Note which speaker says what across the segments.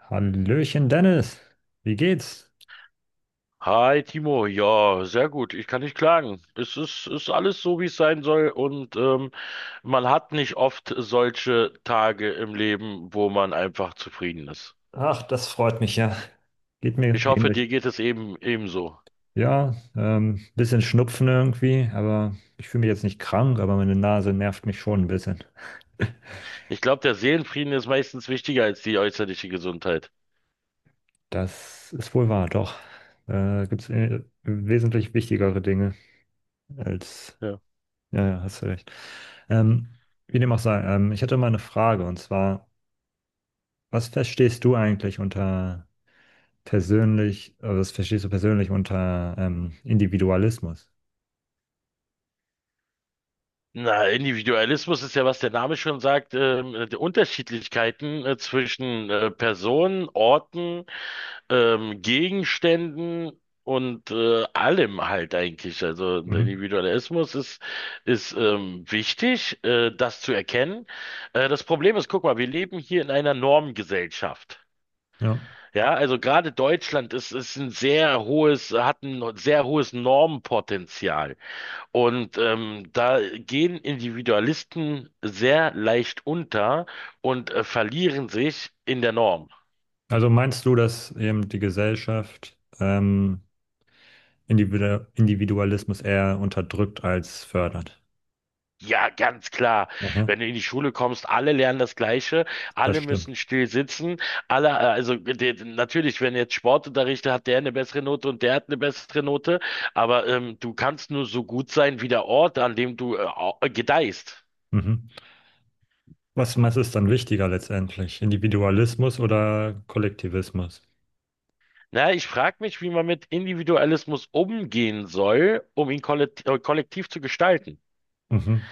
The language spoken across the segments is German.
Speaker 1: Hallöchen Dennis, wie geht's?
Speaker 2: Hi Timo, ja, sehr gut. Ich kann nicht klagen. Es ist alles so, wie es sein soll. Und man hat nicht oft solche Tage im Leben, wo man einfach zufrieden ist.
Speaker 1: Ach, das freut mich ja. Geht mir
Speaker 2: Ich hoffe,
Speaker 1: ähnlich.
Speaker 2: dir geht es eben ebenso.
Speaker 1: Ja, bisschen Schnupfen irgendwie, aber ich fühle mich jetzt nicht krank, aber meine Nase nervt mich schon ein bisschen.
Speaker 2: Ich glaube, der Seelenfrieden ist meistens wichtiger als die äußerliche Gesundheit.
Speaker 1: Das ist wohl wahr, doch. Gibt's wesentlich wichtigere Dinge als.
Speaker 2: Ja.
Speaker 1: Ja, ja, hast du recht. Ähm, Wie dem auch sei, ich hatte mal eine Frage, und zwar, was verstehst du eigentlich unter persönlich, was verstehst du persönlich unter Individualismus?
Speaker 2: Na, Individualismus ist ja, was der Name schon sagt, die Unterschiedlichkeiten zwischen Personen, Orten, Gegenständen und allem halt eigentlich. Also der
Speaker 1: Mhm.
Speaker 2: Individualismus ist wichtig, das zu erkennen. Das Problem ist, guck mal, wir leben hier in einer Normgesellschaft.
Speaker 1: Ja.
Speaker 2: Ja, also gerade Deutschland ist hat ein sehr hohes Normpotenzial. Und da gehen Individualisten sehr leicht unter und verlieren sich in der Norm.
Speaker 1: Also meinst du, dass eben die Gesellschaft Individualismus eher unterdrückt als fördert?
Speaker 2: Ja, ganz klar.
Speaker 1: Aha,
Speaker 2: Wenn du in die Schule kommst, alle lernen das Gleiche,
Speaker 1: das
Speaker 2: alle
Speaker 1: stimmt.
Speaker 2: müssen still sitzen, also natürlich, wenn jetzt Sportunterricht hat, der eine bessere Note und der hat eine bessere Note, aber du kannst nur so gut sein wie der Ort, an dem du gedeihst.
Speaker 1: Mhm. Was, was ist dann wichtiger letztendlich? Individualismus oder Kollektivismus?
Speaker 2: Na, ich frage mich, wie man mit Individualismus umgehen soll, um ihn kollektiv zu gestalten.
Speaker 1: Mhm.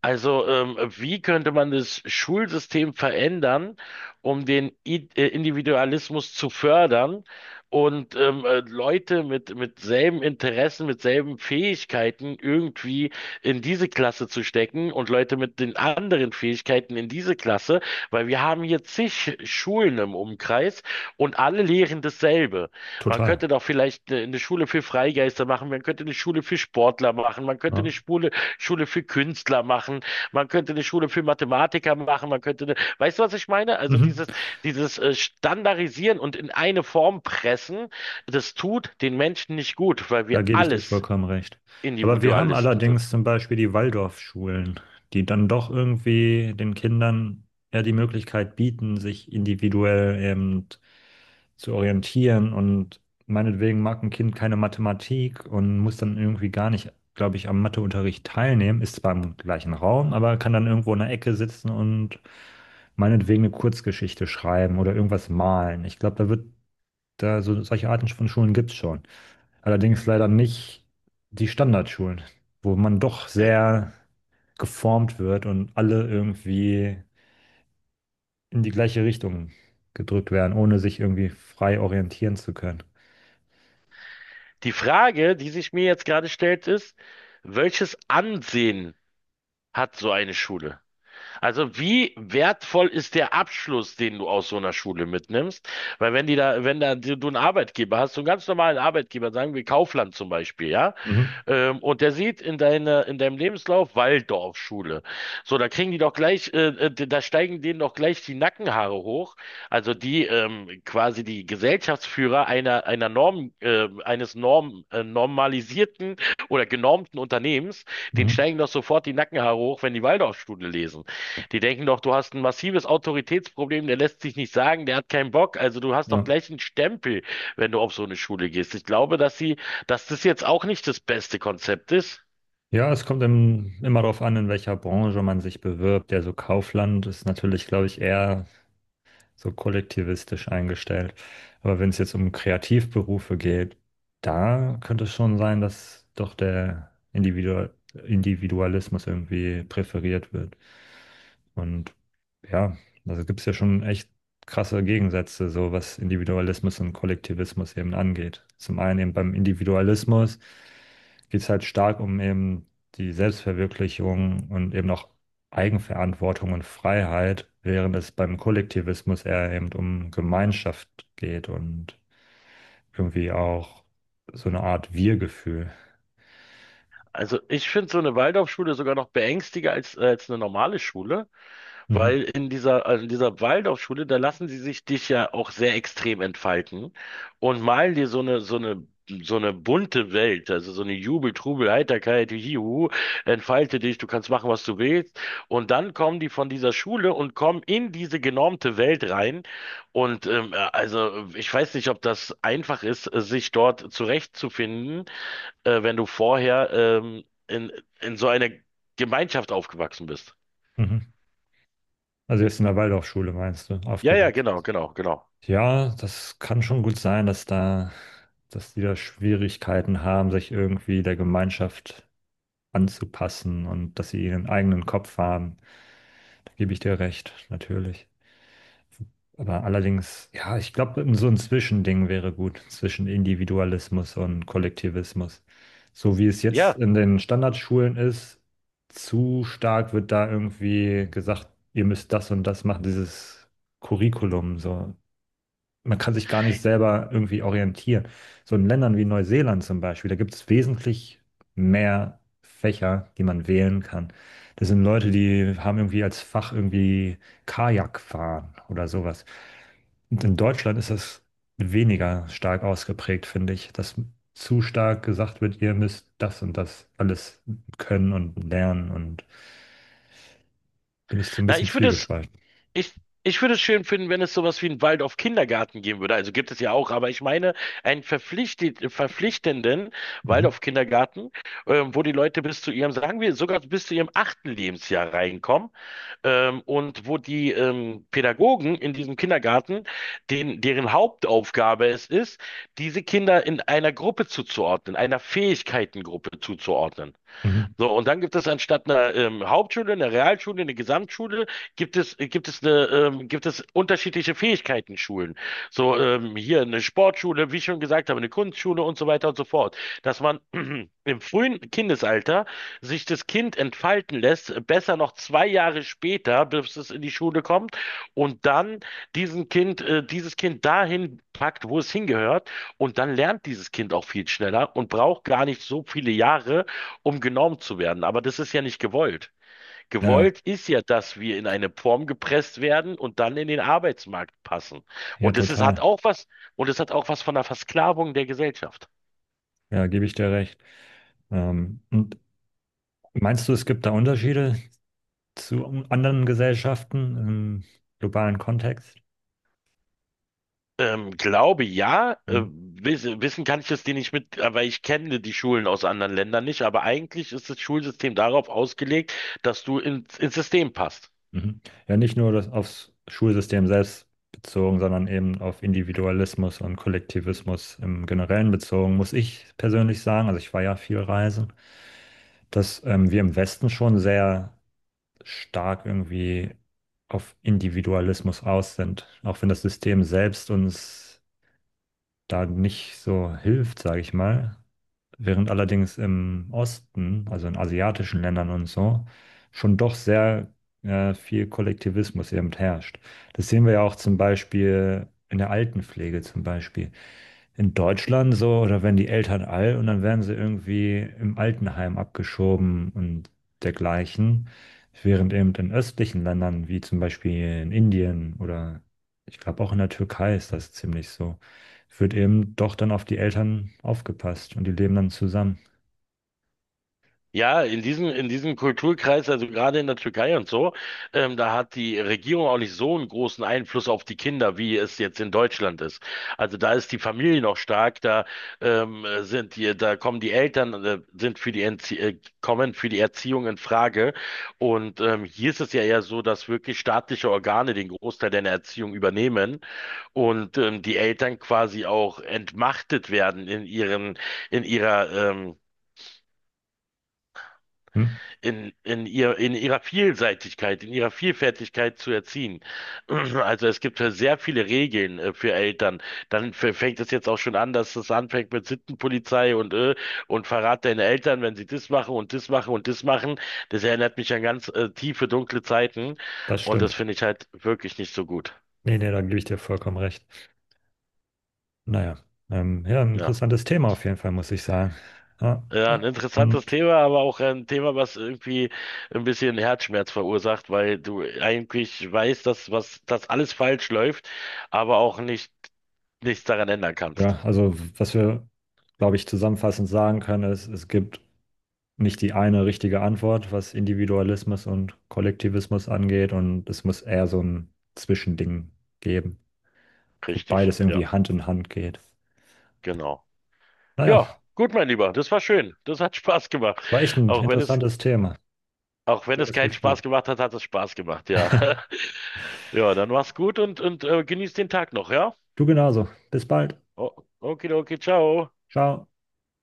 Speaker 2: Also, wie könnte man das Schulsystem verändern, um den I Individualismus zu fördern und Leute mit selben Interessen, mit selben Fähigkeiten irgendwie in diese Klasse zu stecken und Leute mit den anderen Fähigkeiten in diese Klasse? Weil wir haben hier zig Schulen im Umkreis und alle lehren dasselbe. Man
Speaker 1: Total.
Speaker 2: könnte doch vielleicht eine Schule für Freigeister machen, man könnte eine Schule für Sportler machen, man könnte eine
Speaker 1: Ja.
Speaker 2: Schule für Künstler machen, man könnte eine Schule für Mathematiker machen, weißt du, was ich meine? Also
Speaker 1: Mhm.
Speaker 2: dieses Standardisieren und in eine Form pressen, das tut den Menschen nicht gut, weil
Speaker 1: Da
Speaker 2: wir
Speaker 1: gebe ich dir
Speaker 2: alles
Speaker 1: vollkommen recht. Aber wir haben
Speaker 2: Individualisten
Speaker 1: allerdings
Speaker 2: sind.
Speaker 1: zum Beispiel die Waldorfschulen, die dann doch irgendwie den Kindern eher die Möglichkeit bieten, sich individuell eben zu orientieren. Und meinetwegen mag ein Kind keine Mathematik und muss dann irgendwie gar nicht, glaube ich, am Matheunterricht teilnehmen, ist zwar im gleichen Raum, aber kann dann irgendwo in der Ecke sitzen und meinetwegen eine Kurzgeschichte schreiben oder irgendwas malen. Ich glaube, da wird da, so solche Arten von Schulen gibt es schon. Allerdings leider nicht die Standardschulen, wo man doch sehr geformt wird und alle irgendwie in die gleiche Richtung gedrückt werden, ohne sich irgendwie frei orientieren zu können.
Speaker 2: Die Frage, die sich mir jetzt gerade stellt, ist, welches Ansehen hat so eine Schule? Also wie wertvoll ist der Abschluss, den du aus so einer Schule mitnimmst? Weil wenn da du einen Arbeitgeber hast, so einen ganz normalen Arbeitgeber, sagen wir Kaufland zum Beispiel, ja,
Speaker 1: Mhm.
Speaker 2: und der sieht in in deinem Lebenslauf Waldorfschule. So, da kriegen die doch gleich, da steigen denen doch gleich die Nackenhaare hoch. Also die quasi die Gesellschaftsführer einer Norm, eines Norm, normalisierten oder genormten Unternehmens, denen
Speaker 1: Mhm.
Speaker 2: steigen doch sofort die Nackenhaare hoch, wenn die Waldorfschule lesen. Die denken doch, du hast ein massives Autoritätsproblem, der lässt sich nicht sagen, der hat keinen Bock. Also du hast doch
Speaker 1: Ja.
Speaker 2: gleich einen Stempel, wenn du auf so eine Schule gehst. Ich glaube, dass das jetzt auch nicht das beste Konzept ist.
Speaker 1: Ja, es kommt immer darauf an, in welcher Branche man sich bewirbt. Also Kaufland ist natürlich, glaube ich, eher so kollektivistisch eingestellt. Aber wenn es jetzt um Kreativberufe geht, da könnte es schon sein, dass doch der Individualismus irgendwie präferiert wird. Und ja, also gibt es ja schon echt krasse Gegensätze, so was Individualismus und Kollektivismus eben angeht. Zum einen eben beim Individualismus geht es halt stark um eben die Selbstverwirklichung und eben auch Eigenverantwortung und Freiheit, während es beim Kollektivismus eher eben um Gemeinschaft geht und irgendwie auch so eine Art Wir-Gefühl.
Speaker 2: Also ich finde so eine Waldorfschule sogar noch beängstiger als eine normale Schule.
Speaker 1: Mhm,
Speaker 2: Weil also in dieser Waldorfschule, da lassen sie sich dich ja auch sehr extrem entfalten und malen dir so eine bunte Welt, also so eine Jubel, Trubel, Heiterkeit, Juhu, entfalte dich, du kannst machen, was du willst. Und dann kommen die von dieser Schule und kommen in diese genormte Welt rein. Und also ich weiß nicht, ob das einfach ist, sich dort zurechtzufinden, wenn du vorher in so einer Gemeinschaft aufgewachsen bist.
Speaker 1: mhm. Also jetzt in der Waldorfschule meinst du,
Speaker 2: Ja, ja,
Speaker 1: aufgewachsen.
Speaker 2: genau, genau, genau.
Speaker 1: Ja, das kann schon gut sein, dass da, dass die da Schwierigkeiten haben, sich irgendwie der Gemeinschaft anzupassen und dass sie ihren eigenen Kopf haben. Da gebe ich dir recht, natürlich. Aber allerdings, ja, ich glaube, so ein Zwischending wäre gut zwischen Individualismus und Kollektivismus. So wie es jetzt
Speaker 2: Ja,
Speaker 1: in den Standardschulen ist, zu stark wird da irgendwie gesagt, ihr müsst das und das machen, dieses Curriculum. So, man kann sich gar nicht selber irgendwie orientieren. So in Ländern wie Neuseeland zum Beispiel, da gibt es wesentlich mehr Fächer, die man wählen kann. Das sind Leute, die haben irgendwie als Fach irgendwie Kajakfahren oder sowas. Und in Deutschland ist das weniger stark ausgeprägt, finde ich, dass zu stark gesagt wird, ihr müsst das und das alles können und lernen, und bin ich so ein
Speaker 2: na,
Speaker 1: bisschen zwiegespalten.
Speaker 2: ich, ich würde es schön finden, wenn es sowas wie einen Waldorf Kindergarten geben würde. Also gibt es ja auch, aber ich meine einen verpflichtenden
Speaker 1: Mhm.
Speaker 2: Waldorf Kindergarten, wo die Leute sagen wir, sogar bis zu ihrem achten Lebensjahr reinkommen, und wo die Pädagogen in diesem Kindergarten, deren Hauptaufgabe es ist, diese Kinder in einer Gruppe zuzuordnen, einer Fähigkeitengruppe zuzuordnen.
Speaker 1: Mhm.
Speaker 2: So, und dann gibt es anstatt einer Hauptschule, einer Realschule, eine Gesamtschule, gibt es unterschiedliche Fähigkeitenschulen. So, hier eine Sportschule, wie ich schon gesagt habe, eine Kunstschule und so weiter und so fort. Dass man im frühen Kindesalter sich das Kind entfalten lässt, besser noch 2 Jahre später, bis es in die Schule kommt, und dann dieses Kind dahin packt, wo es hingehört, und dann lernt dieses Kind auch viel schneller und braucht gar nicht so viele Jahre, um genormt zu werden. Aber das ist ja nicht gewollt.
Speaker 1: Ja, ja,
Speaker 2: Gewollt ist ja, dass wir in eine Form gepresst werden und dann in den Arbeitsmarkt passen.
Speaker 1: ja,
Speaker 2: Und das ist, hat
Speaker 1: total.
Speaker 2: auch was, und es hat auch was von der Versklavung der Gesellschaft.
Speaker 1: Ja, gebe ich dir recht. Und meinst du, es gibt da Unterschiede zu anderen Gesellschaften im globalen Kontext?
Speaker 2: Glaube ja,
Speaker 1: Mhm.
Speaker 2: wissen kann ich das dir nicht mit, aber ich kenne die Schulen aus anderen Ländern nicht, aber eigentlich ist das Schulsystem darauf ausgelegt, dass du ins System passt.
Speaker 1: Mhm. Ja, nicht nur das aufs Schulsystem selbst bezogen, sondern eben auf Individualismus und Kollektivismus im Generellen bezogen, muss ich persönlich sagen, also ich war ja viel reisen, dass wir im Westen schon sehr stark irgendwie auf Individualismus aus sind, auch wenn das System selbst uns da nicht so hilft, sage ich mal. Während allerdings im Osten, also in asiatischen Ländern und so, schon doch sehr viel Kollektivismus eben herrscht. Das sehen wir ja auch zum Beispiel in der Altenpflege zum Beispiel. In Deutschland so, oder wenn die Eltern alt, und dann werden sie irgendwie im Altenheim abgeschoben und dergleichen. Während eben in östlichen Ländern, wie zum Beispiel in Indien oder ich glaube auch in der Türkei, ist das ziemlich so, wird eben doch dann auf die Eltern aufgepasst und die leben dann zusammen.
Speaker 2: Ja, in diesem Kulturkreis, also gerade in der Türkei und so, da hat die Regierung auch nicht so einen großen Einfluss auf die Kinder, wie es jetzt in Deutschland ist. Also da ist die Familie noch stark, da kommen die Eltern, sind für die Entzie kommen für die Erziehung in Frage. Und hier ist es ja eher so, dass wirklich staatliche Organe den Großteil der Erziehung übernehmen und die Eltern quasi auch entmachtet werden in in ihrer
Speaker 1: Hm?
Speaker 2: in ihrer Vielseitigkeit, in ihrer Vielfältigkeit zu erziehen. Also es gibt ja sehr viele Regeln für Eltern. Dann fängt es jetzt auch schon an, dass es anfängt mit Sittenpolizei und verrat deine Eltern, wenn sie das machen und das machen und das machen. Das erinnert mich an ganz tiefe, dunkle Zeiten
Speaker 1: Das
Speaker 2: und
Speaker 1: stimmt.
Speaker 2: das finde ich halt wirklich nicht so gut.
Speaker 1: Nee, nee, da gebe ich dir vollkommen recht. Naja, ja, ein
Speaker 2: Ja.
Speaker 1: interessantes Thema auf jeden Fall, muss ich sagen. Ja,
Speaker 2: Ja, ein interessantes
Speaker 1: und
Speaker 2: Thema, aber auch ein Thema, was irgendwie ein bisschen Herzschmerz verursacht, weil du eigentlich weißt, dass alles falsch läuft, aber auch nicht, nichts daran ändern kannst.
Speaker 1: ja, also was wir, glaube ich, zusammenfassend sagen können, ist, es gibt nicht die eine richtige Antwort, was Individualismus und Kollektivismus angeht, und es muss eher so ein Zwischending geben, wo
Speaker 2: Richtig,
Speaker 1: beides
Speaker 2: ja,
Speaker 1: irgendwie Hand in Hand geht.
Speaker 2: genau.
Speaker 1: Naja,
Speaker 2: Ja, gut, mein Lieber, das war schön. Das hat Spaß gemacht.
Speaker 1: war echt ein
Speaker 2: Auch wenn es,
Speaker 1: interessantes Thema.
Speaker 2: auch wenn es
Speaker 1: Schönes
Speaker 2: keinen
Speaker 1: Gespräch.
Speaker 2: Spaß gemacht hat, hat es Spaß gemacht, ja. Ja, dann mach's gut genieß den Tag noch, ja?
Speaker 1: Du genauso. Bis bald.
Speaker 2: O- Okidoki, ciao.
Speaker 1: Ciao.